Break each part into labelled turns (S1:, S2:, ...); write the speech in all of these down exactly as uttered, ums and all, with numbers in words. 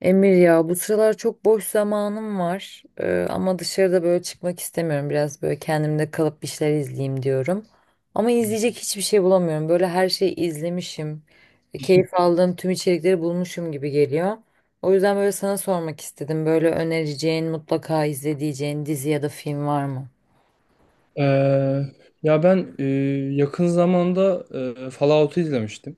S1: Emir, ya bu sıralar çok boş zamanım var. Ee, ama dışarıda böyle çıkmak istemiyorum, biraz böyle kendimde kalıp bir şeyler izleyeyim diyorum, ama izleyecek hiçbir şey bulamıyorum, böyle her şeyi izlemişim. E, keyif aldığım tüm içerikleri bulmuşum gibi geliyor. O yüzden böyle sana sormak istedim, böyle önereceğin, mutlaka izleyeceğin dizi ya da film var mı?
S2: Eee, ya ben eee, yakın zamanda eee, Fallout'u izlemiştim.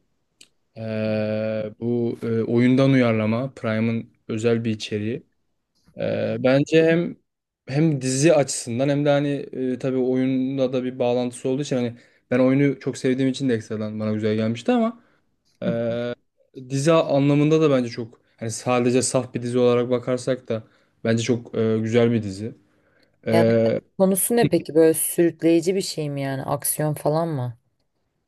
S2: Eee, bu eee, oyundan uyarlama, Prime'ın özel bir içeriği. Eee, bence hem hem dizi açısından hem de hani eee, tabii oyunda da bir bağlantısı olduğu için hani ben oyunu çok sevdiğim için de ekstradan bana güzel gelmişti, ama
S1: Hı.
S2: eee, dizi anlamında da bence çok hani sadece saf bir dizi olarak bakarsak da bence çok eee, güzel bir dizi.
S1: Yani konusu ne peki, böyle sürükleyici bir şey mi, yani aksiyon falan mı?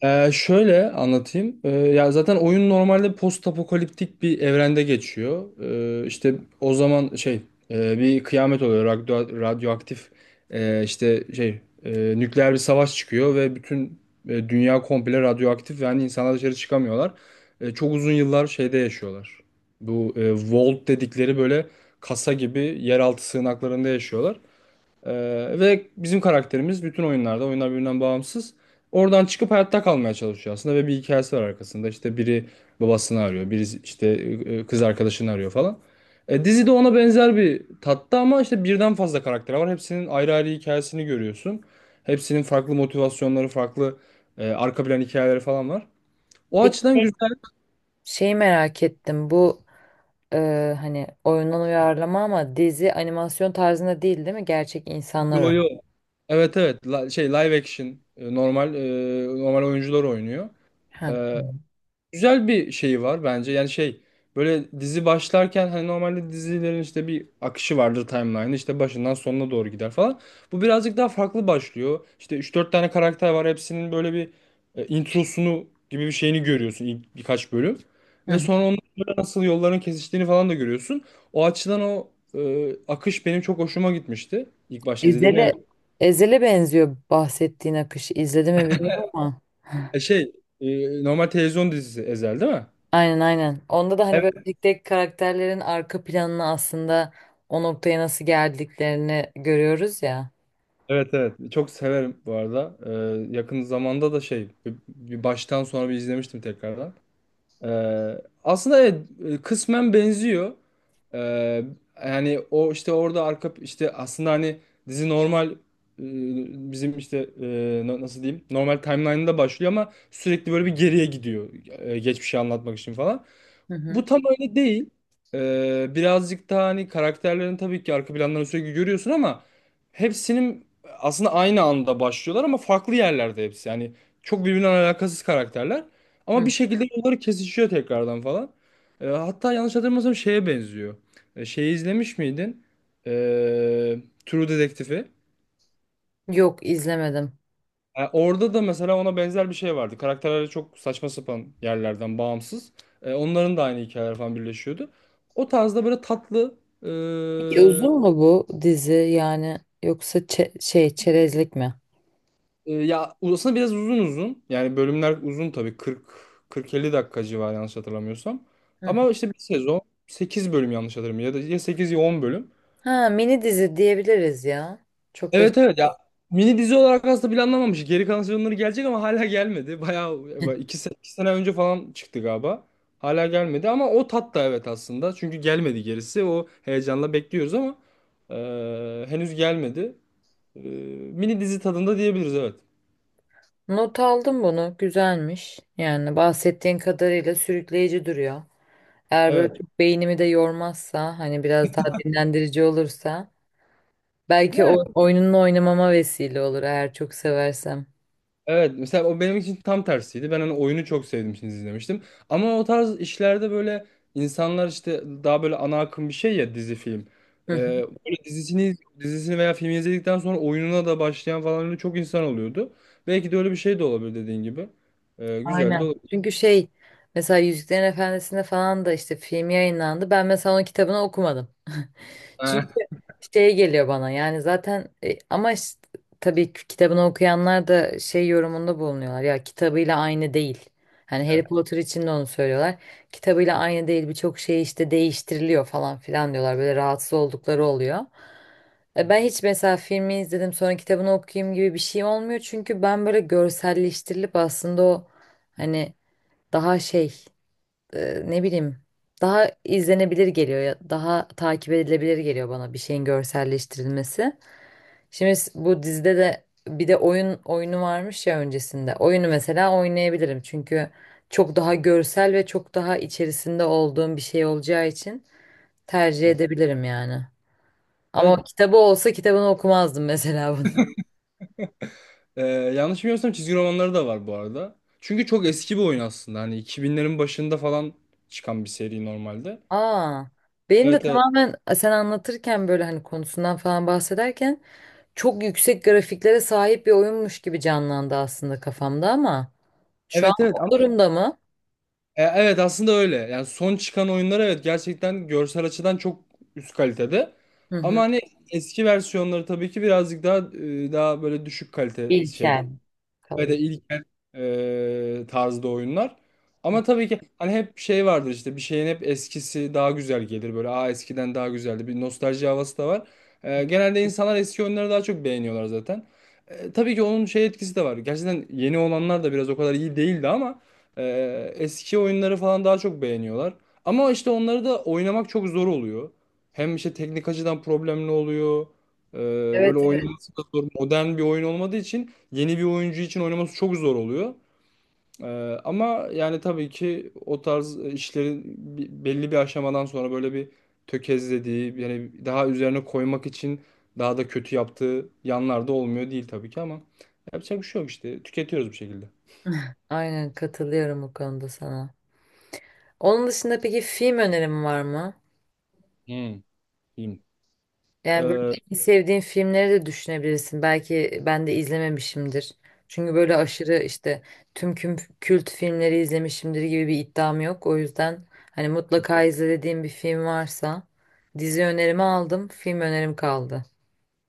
S2: Ee, şöyle anlatayım. Ee, ya zaten oyun normalde post apokaliptik bir evrende geçiyor. Ee, işte o zaman şey e, bir kıyamet oluyor. Radyo, radyoaktif e, işte şey e, nükleer bir savaş çıkıyor ve bütün e, dünya komple radyoaktif, yani insanlar dışarı çıkamıyorlar. E, çok uzun yıllar şeyde yaşıyorlar. Bu e, vault dedikleri böyle kasa gibi yeraltı sığınaklarında yaşıyorlar. Ee, Ve bizim karakterimiz bütün oyunlarda, oyunlar birbirinden bağımsız. Oradan çıkıp hayatta kalmaya çalışıyor aslında ve bir hikayesi var arkasında. İşte biri babasını arıyor, biri işte e, kız arkadaşını arıyor falan. E, dizi de ona benzer bir tatta ama işte birden fazla karakter var. Hepsinin ayrı ayrı hikayesini görüyorsun. Hepsinin farklı motivasyonları, farklı e, arka plan hikayeleri falan var. O
S1: Peki
S2: açıdan
S1: şey
S2: güzel.
S1: şey merak ettim bu, e, hani oyundan uyarlama ama dizi animasyon tarzında değil değil mi? Gerçek insanlar
S2: Yo
S1: oynuyor.
S2: yo. Evet evet. La- şey live action, e, normal e, normal oyuncular oynuyor.
S1: Ha,
S2: E,
S1: tamam.
S2: Güzel bir şeyi var bence. Yani şey böyle dizi başlarken hani normalde dizilerin işte bir akışı vardır, timeline işte başından sonuna doğru gider falan. Bu birazcık daha farklı başlıyor. İşte üç dört tane karakter var, hepsinin böyle bir e, introsunu gibi bir şeyini görüyorsun ilk birkaç bölüm.
S1: Hı
S2: Ve
S1: hı.
S2: sonra onların böyle nasıl yolların kesiştiğini falan da görüyorsun. O açıdan o e, akış benim çok hoşuma gitmişti İlk başta izlediğimde. Yani
S1: Ezel'e Ezel'e benziyor bahsettiğin akış. İzledi mi bilmiyorum ama.
S2: e, şey e, normal televizyon dizisi Ezel, değil mi?
S1: Aynen, aynen. Onda da hani böyle tek tek karakterlerin arka planını, aslında o noktaya nasıl geldiklerini görüyoruz ya.
S2: Evet evet, çok severim bu arada. Ee, yakın zamanda da şey bir bir baştan sonra bir izlemiştim tekrardan. Ee, Aslında evet, e, kısmen benziyor. Ee, Yani o işte orada arka işte aslında hani dizi normal, e, bizim işte e, na- nasıl diyeyim, normal timeline'da başlıyor ama sürekli böyle bir geriye gidiyor e, geçmişi anlatmak için falan.
S1: Hı hı.
S2: Bu tam öyle değil. Ee, birazcık daha hani karakterlerin tabii ki arka planlarını sürekli görüyorsun ama hepsinin aslında aynı anda başlıyorlar ama farklı yerlerde hepsi. Yani çok birbirinden alakasız karakterler ama bir
S1: Hı.
S2: şekilde yolları kesişiyor tekrardan falan. Ee, hatta yanlış hatırlamıyorsam şeye benziyor. Ee, şeyi izlemiş miydin? Ee, True Detective'i.
S1: Yok, izlemedim.
S2: E, Orada da mesela ona benzer bir şey vardı. Karakterler çok saçma sapan yerlerden bağımsız. E, onların da aynı hikayeler falan birleşiyordu. O tarzda böyle tatlı. e,
S1: Peki uzun mu bu dizi, yani yoksa çe- şey çerezlik mi?
S2: e, Ya aslında biraz uzun uzun. Yani bölümler uzun tabii. kırk kırk elli dakika civarı yanlış hatırlamıyorsam.
S1: Hı.
S2: Ama işte bir sezon sekiz bölüm, yanlış hatırlamıyorum, ya da ya sekiz ya on bölüm.
S1: Ha, mini dizi diyebiliriz ya. Çok da
S2: Evet evet, ya mini dizi olarak aslında planlanmamış. Geri kalan sezonları gelecek ama hala gelmedi. Bayağı iki, se- iki sene önce falan çıktı galiba. Hala gelmedi ama o tat da evet aslında. Çünkü gelmedi gerisi. O heyecanla bekliyoruz ama e, henüz gelmedi. E, Mini dizi tadında diyebiliriz, evet.
S1: Not aldım bunu. Güzelmiş. Yani bahsettiğin kadarıyla sürükleyici duruyor. Eğer böyle
S2: Evet.
S1: çok beynimi de yormazsa, hani biraz daha dinlendirici olursa, belki
S2: Yani,
S1: o oyununu oynamama vesile olur eğer çok seversem.
S2: Evet, mesela o benim için tam tersiydi. Ben hani oyunu çok sevdim için izlemiştim. Ama o tarz işlerde böyle insanlar işte daha böyle ana akım bir şey, ya dizi, film.
S1: Hı hı.
S2: Ee, Böyle dizisini dizisini veya filmi izledikten sonra oyununa da başlayan falan öyle çok insan oluyordu. Belki de öyle bir şey de olabilir dediğin gibi. Ee, güzel de
S1: Aynen.
S2: olabilir.
S1: Çünkü şey, mesela Yüzüklerin Efendisi'nde falan da işte film yayınlandı. Ben mesela onun kitabını okumadım. Çünkü
S2: Ha.
S1: şey geliyor bana, yani zaten e, ama işte, tabii ki kitabını okuyanlar da şey yorumunda bulunuyorlar ya, kitabıyla aynı değil. Hani Harry Potter için de onu söylüyorlar. Kitabıyla aynı değil, birçok şey işte değiştiriliyor falan filan diyorlar. Böyle rahatsız oldukları oluyor. E, Ben hiç mesela filmi izledim sonra kitabını okuyayım gibi bir şeyim olmuyor. Çünkü ben böyle görselleştirilip aslında o hani daha şey e, ne bileyim daha izlenebilir geliyor ya, daha takip edilebilir geliyor bana bir şeyin görselleştirilmesi. Şimdi s- bu dizide de bir de oyun oyunu varmış ya öncesinde. Oyunu mesela oynayabilirim çünkü çok daha görsel ve çok daha içerisinde olduğum bir şey olacağı için tercih edebilirim yani.
S2: Evet,
S1: Ama kitabı olsa kitabını okumazdım mesela bunu.
S2: e, yanlış bilmiyorsam çizgi romanları da var bu arada. Çünkü çok eski bir oyun aslında. Hani iki binlerin başında falan çıkan bir seri normalde.
S1: Aa, benim de
S2: Evet evet.
S1: tamamen sen anlatırken, böyle hani konusundan falan bahsederken çok yüksek grafiklere sahip bir oyunmuş gibi canlandı aslında kafamda, ama şu an
S2: Evet evet.
S1: o durumda mı?
S2: E, Evet, aslında öyle. Yani son çıkan oyunlar evet gerçekten görsel açıdan çok üst kalitede.
S1: Hı
S2: Ama
S1: hı.
S2: hani eski versiyonları tabii ki birazcık daha e, daha böyle düşük kalite şeyde
S1: İlkel
S2: ve
S1: kalıyor.
S2: de ilkel e, tarzda oyunlar. Ama tabii ki hani hep şey vardır, işte bir şeyin hep eskisi daha güzel gelir, böyle aa eskiden daha güzeldi, bir nostalji havası da var. E, genelde insanlar eski oyunları daha çok beğeniyorlar zaten. E, tabii ki onun şey etkisi de var. Gerçekten yeni olanlar da biraz o kadar iyi değildi ama e, eski oyunları falan daha çok beğeniyorlar. Ama işte onları da oynamak çok zor oluyor. Hem işte teknik açıdan problemli oluyor. E, Böyle
S1: Evet, evet.
S2: oynaması da zor. Modern bir oyun olmadığı için yeni bir oyuncu için oynaması çok zor oluyor. Ee, Ama yani tabii ki o tarz işlerin bi- belli bir aşamadan sonra böyle bir tökezlediği, yani daha üzerine koymak için daha da kötü yaptığı yanlar da olmuyor değil tabii ki, ama yapacak bir şey yok işte, tüketiyoruz bir şekilde.
S1: Aynen katılıyorum bu konuda sana. Onun dışında peki film önerim var mı?
S2: Hmm. Diyeyim.
S1: Yani böyle
S2: Ee,
S1: en sevdiğin filmleri de düşünebilirsin. Belki ben de izlememişimdir. Çünkü böyle aşırı işte tüm küm- kült filmleri izlemişimdir gibi bir iddiam yok. O yüzden hani mutlaka izle dediğim bir film varsa, dizi önerimi aldım, film önerim kaldı.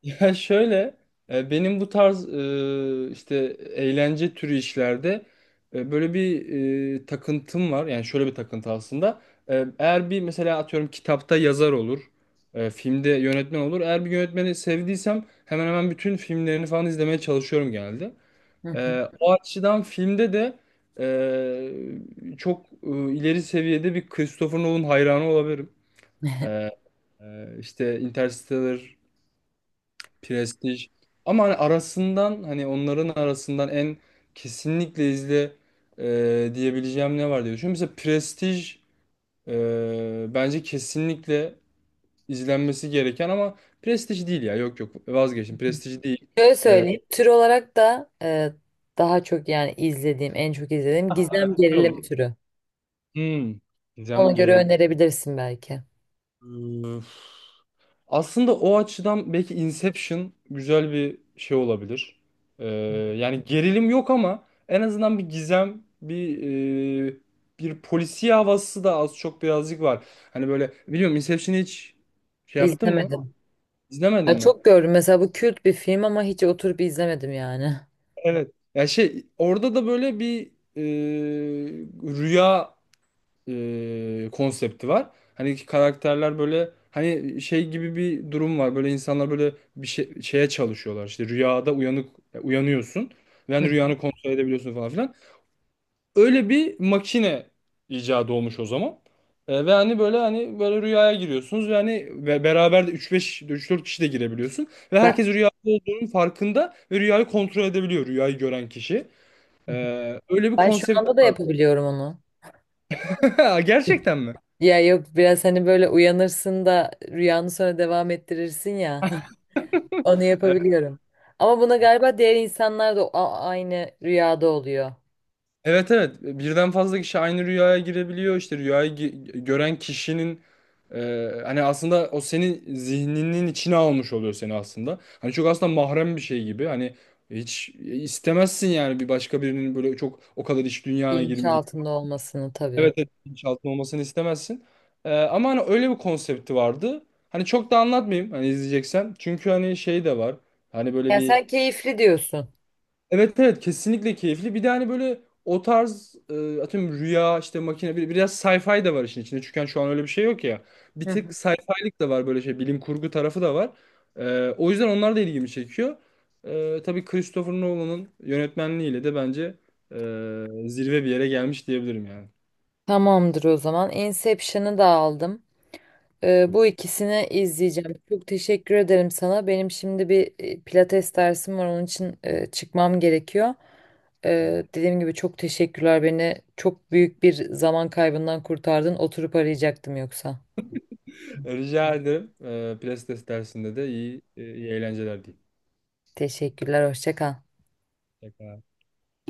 S2: Ya şöyle, e, benim bu tarz e, işte eğlence türü işlerde e, böyle bir e, takıntım var. Yani şöyle bir takıntı aslında. E, eğer bir mesela atıyorum kitapta yazar olur, e, filmde yönetmen olur. Eğer bir yönetmeni sevdiysem hemen hemen bütün filmlerini falan izlemeye çalışıyorum genelde.
S1: Hı hı.
S2: E, o açıdan filmde de e, çok e, ileri seviyede bir Christopher Nolan hayranı olabilirim. E, e, işte Interstellar, Prestij. Ama hani arasından, hani onların arasından en kesinlikle izle e, diyebileceğim ne var diye düşünüyorum. Mesela Prestij e, bence kesinlikle izlenmesi gereken, ama Prestij değil ya. Yok yok, vazgeçtim. Prestij değil.
S1: Şöyle
S2: E,
S1: söyleyeyim. Tür olarak da e, daha çok yani izlediğim, en çok izlediğim gizem gerilim
S2: Yok.
S1: türü.
S2: hmm.
S1: Ona
S2: Gizem
S1: göre önerebilirsin belki.
S2: gerildi. Aslında o açıdan belki Inception güzel bir şey olabilir. Ee, Yani gerilim yok ama en azından bir gizem, bir e, bir polisiye havası da az çok birazcık var. Hani böyle biliyorum, Inception'ı hiç şey yaptın mı?
S1: İzlemedim.
S2: İzlemedin
S1: Ya
S2: mi?
S1: çok gördüm. Mesela bu kült bir film ama hiç oturup izlemedim yani.
S2: Evet. Ya şey orada da böyle bir e, rüya e, konsepti var. Hani karakterler böyle hani şey gibi bir durum var. Böyle insanlar böyle bir şey, şeye çalışıyorlar. İşte rüyada uyanık, e, uyanıyorsun. Ve hani
S1: Hı.
S2: rüyanı kontrol edebiliyorsun falan filan. Öyle bir makine icadı olmuş o zaman. E, ve hani böyle, hani böyle rüyaya giriyorsunuz ve hani ve beraber de üç beş üç dört kişi de girebiliyorsun ve
S1: Ben,
S2: herkes rüyada olduğunun farkında ve rüyayı kontrol edebiliyor rüyayı gören kişi. E, Öyle bir
S1: ben şu
S2: konsept
S1: anda da
S2: var.
S1: yapabiliyorum onu.
S2: Gerçekten mi?
S1: Ya yok, biraz hani böyle uyanırsın da rüyanı sonra devam ettirirsin ya. Onu
S2: Evet.
S1: yapabiliyorum. Ama buna galiba diğer insanlar da a- aynı rüyada oluyor.
S2: Evet evet, birden fazla kişi aynı rüyaya girebiliyor işte, rüyayı gi- gören kişinin e, hani aslında o senin zihninin içine almış oluyor seni aslında. Hani çok aslında mahrem bir şey gibi hani, hiç istemezsin yani bir başka birinin böyle çok o kadar iç dünyana
S1: Bilinç
S2: girme.
S1: altında olmasını tabii.
S2: Evet evet, bilinçaltında olmasını istemezsin. E, ama hani öyle bir konsepti vardı. Hani çok da anlatmayayım hani, izleyeceksen çünkü hani şey de var, hani böyle
S1: Yani
S2: bir.
S1: sen keyifli diyorsun.
S2: Evet evet, kesinlikle keyifli. Bir de hani böyle o tarz e, atıyorum rüya işte makine, bir- biraz sci-fi de var işin içinde. Çünkü hani şu an öyle bir şey yok ya. Bir
S1: Hı
S2: tık
S1: hı.
S2: sci-fi'lik de var, böyle şey, bilim kurgu tarafı da var. E, o yüzden onlar da ilgimi çekiyor. E, tabii Christopher Nolan'ın yönetmenliğiyle de bence e, zirve bir yere gelmiş diyebilirim yani.
S1: Tamamdır o zaman. Inception'ı da aldım. Ee, bu
S2: Olsun.
S1: ikisini izleyeceğim. Çok teşekkür ederim sana. Benim şimdi bir e, pilates dersim var. Onun için e, çıkmam gerekiyor. Ee, dediğim gibi çok teşekkürler. Beni çok büyük bir zaman kaybından kurtardın. Oturup arayacaktım yoksa.
S2: Rica ederim. E, Plastes dersinde de iyi, e, iyi eğlenceler diyeyim.
S1: Teşekkürler. Hoşça kal.
S2: Tekrar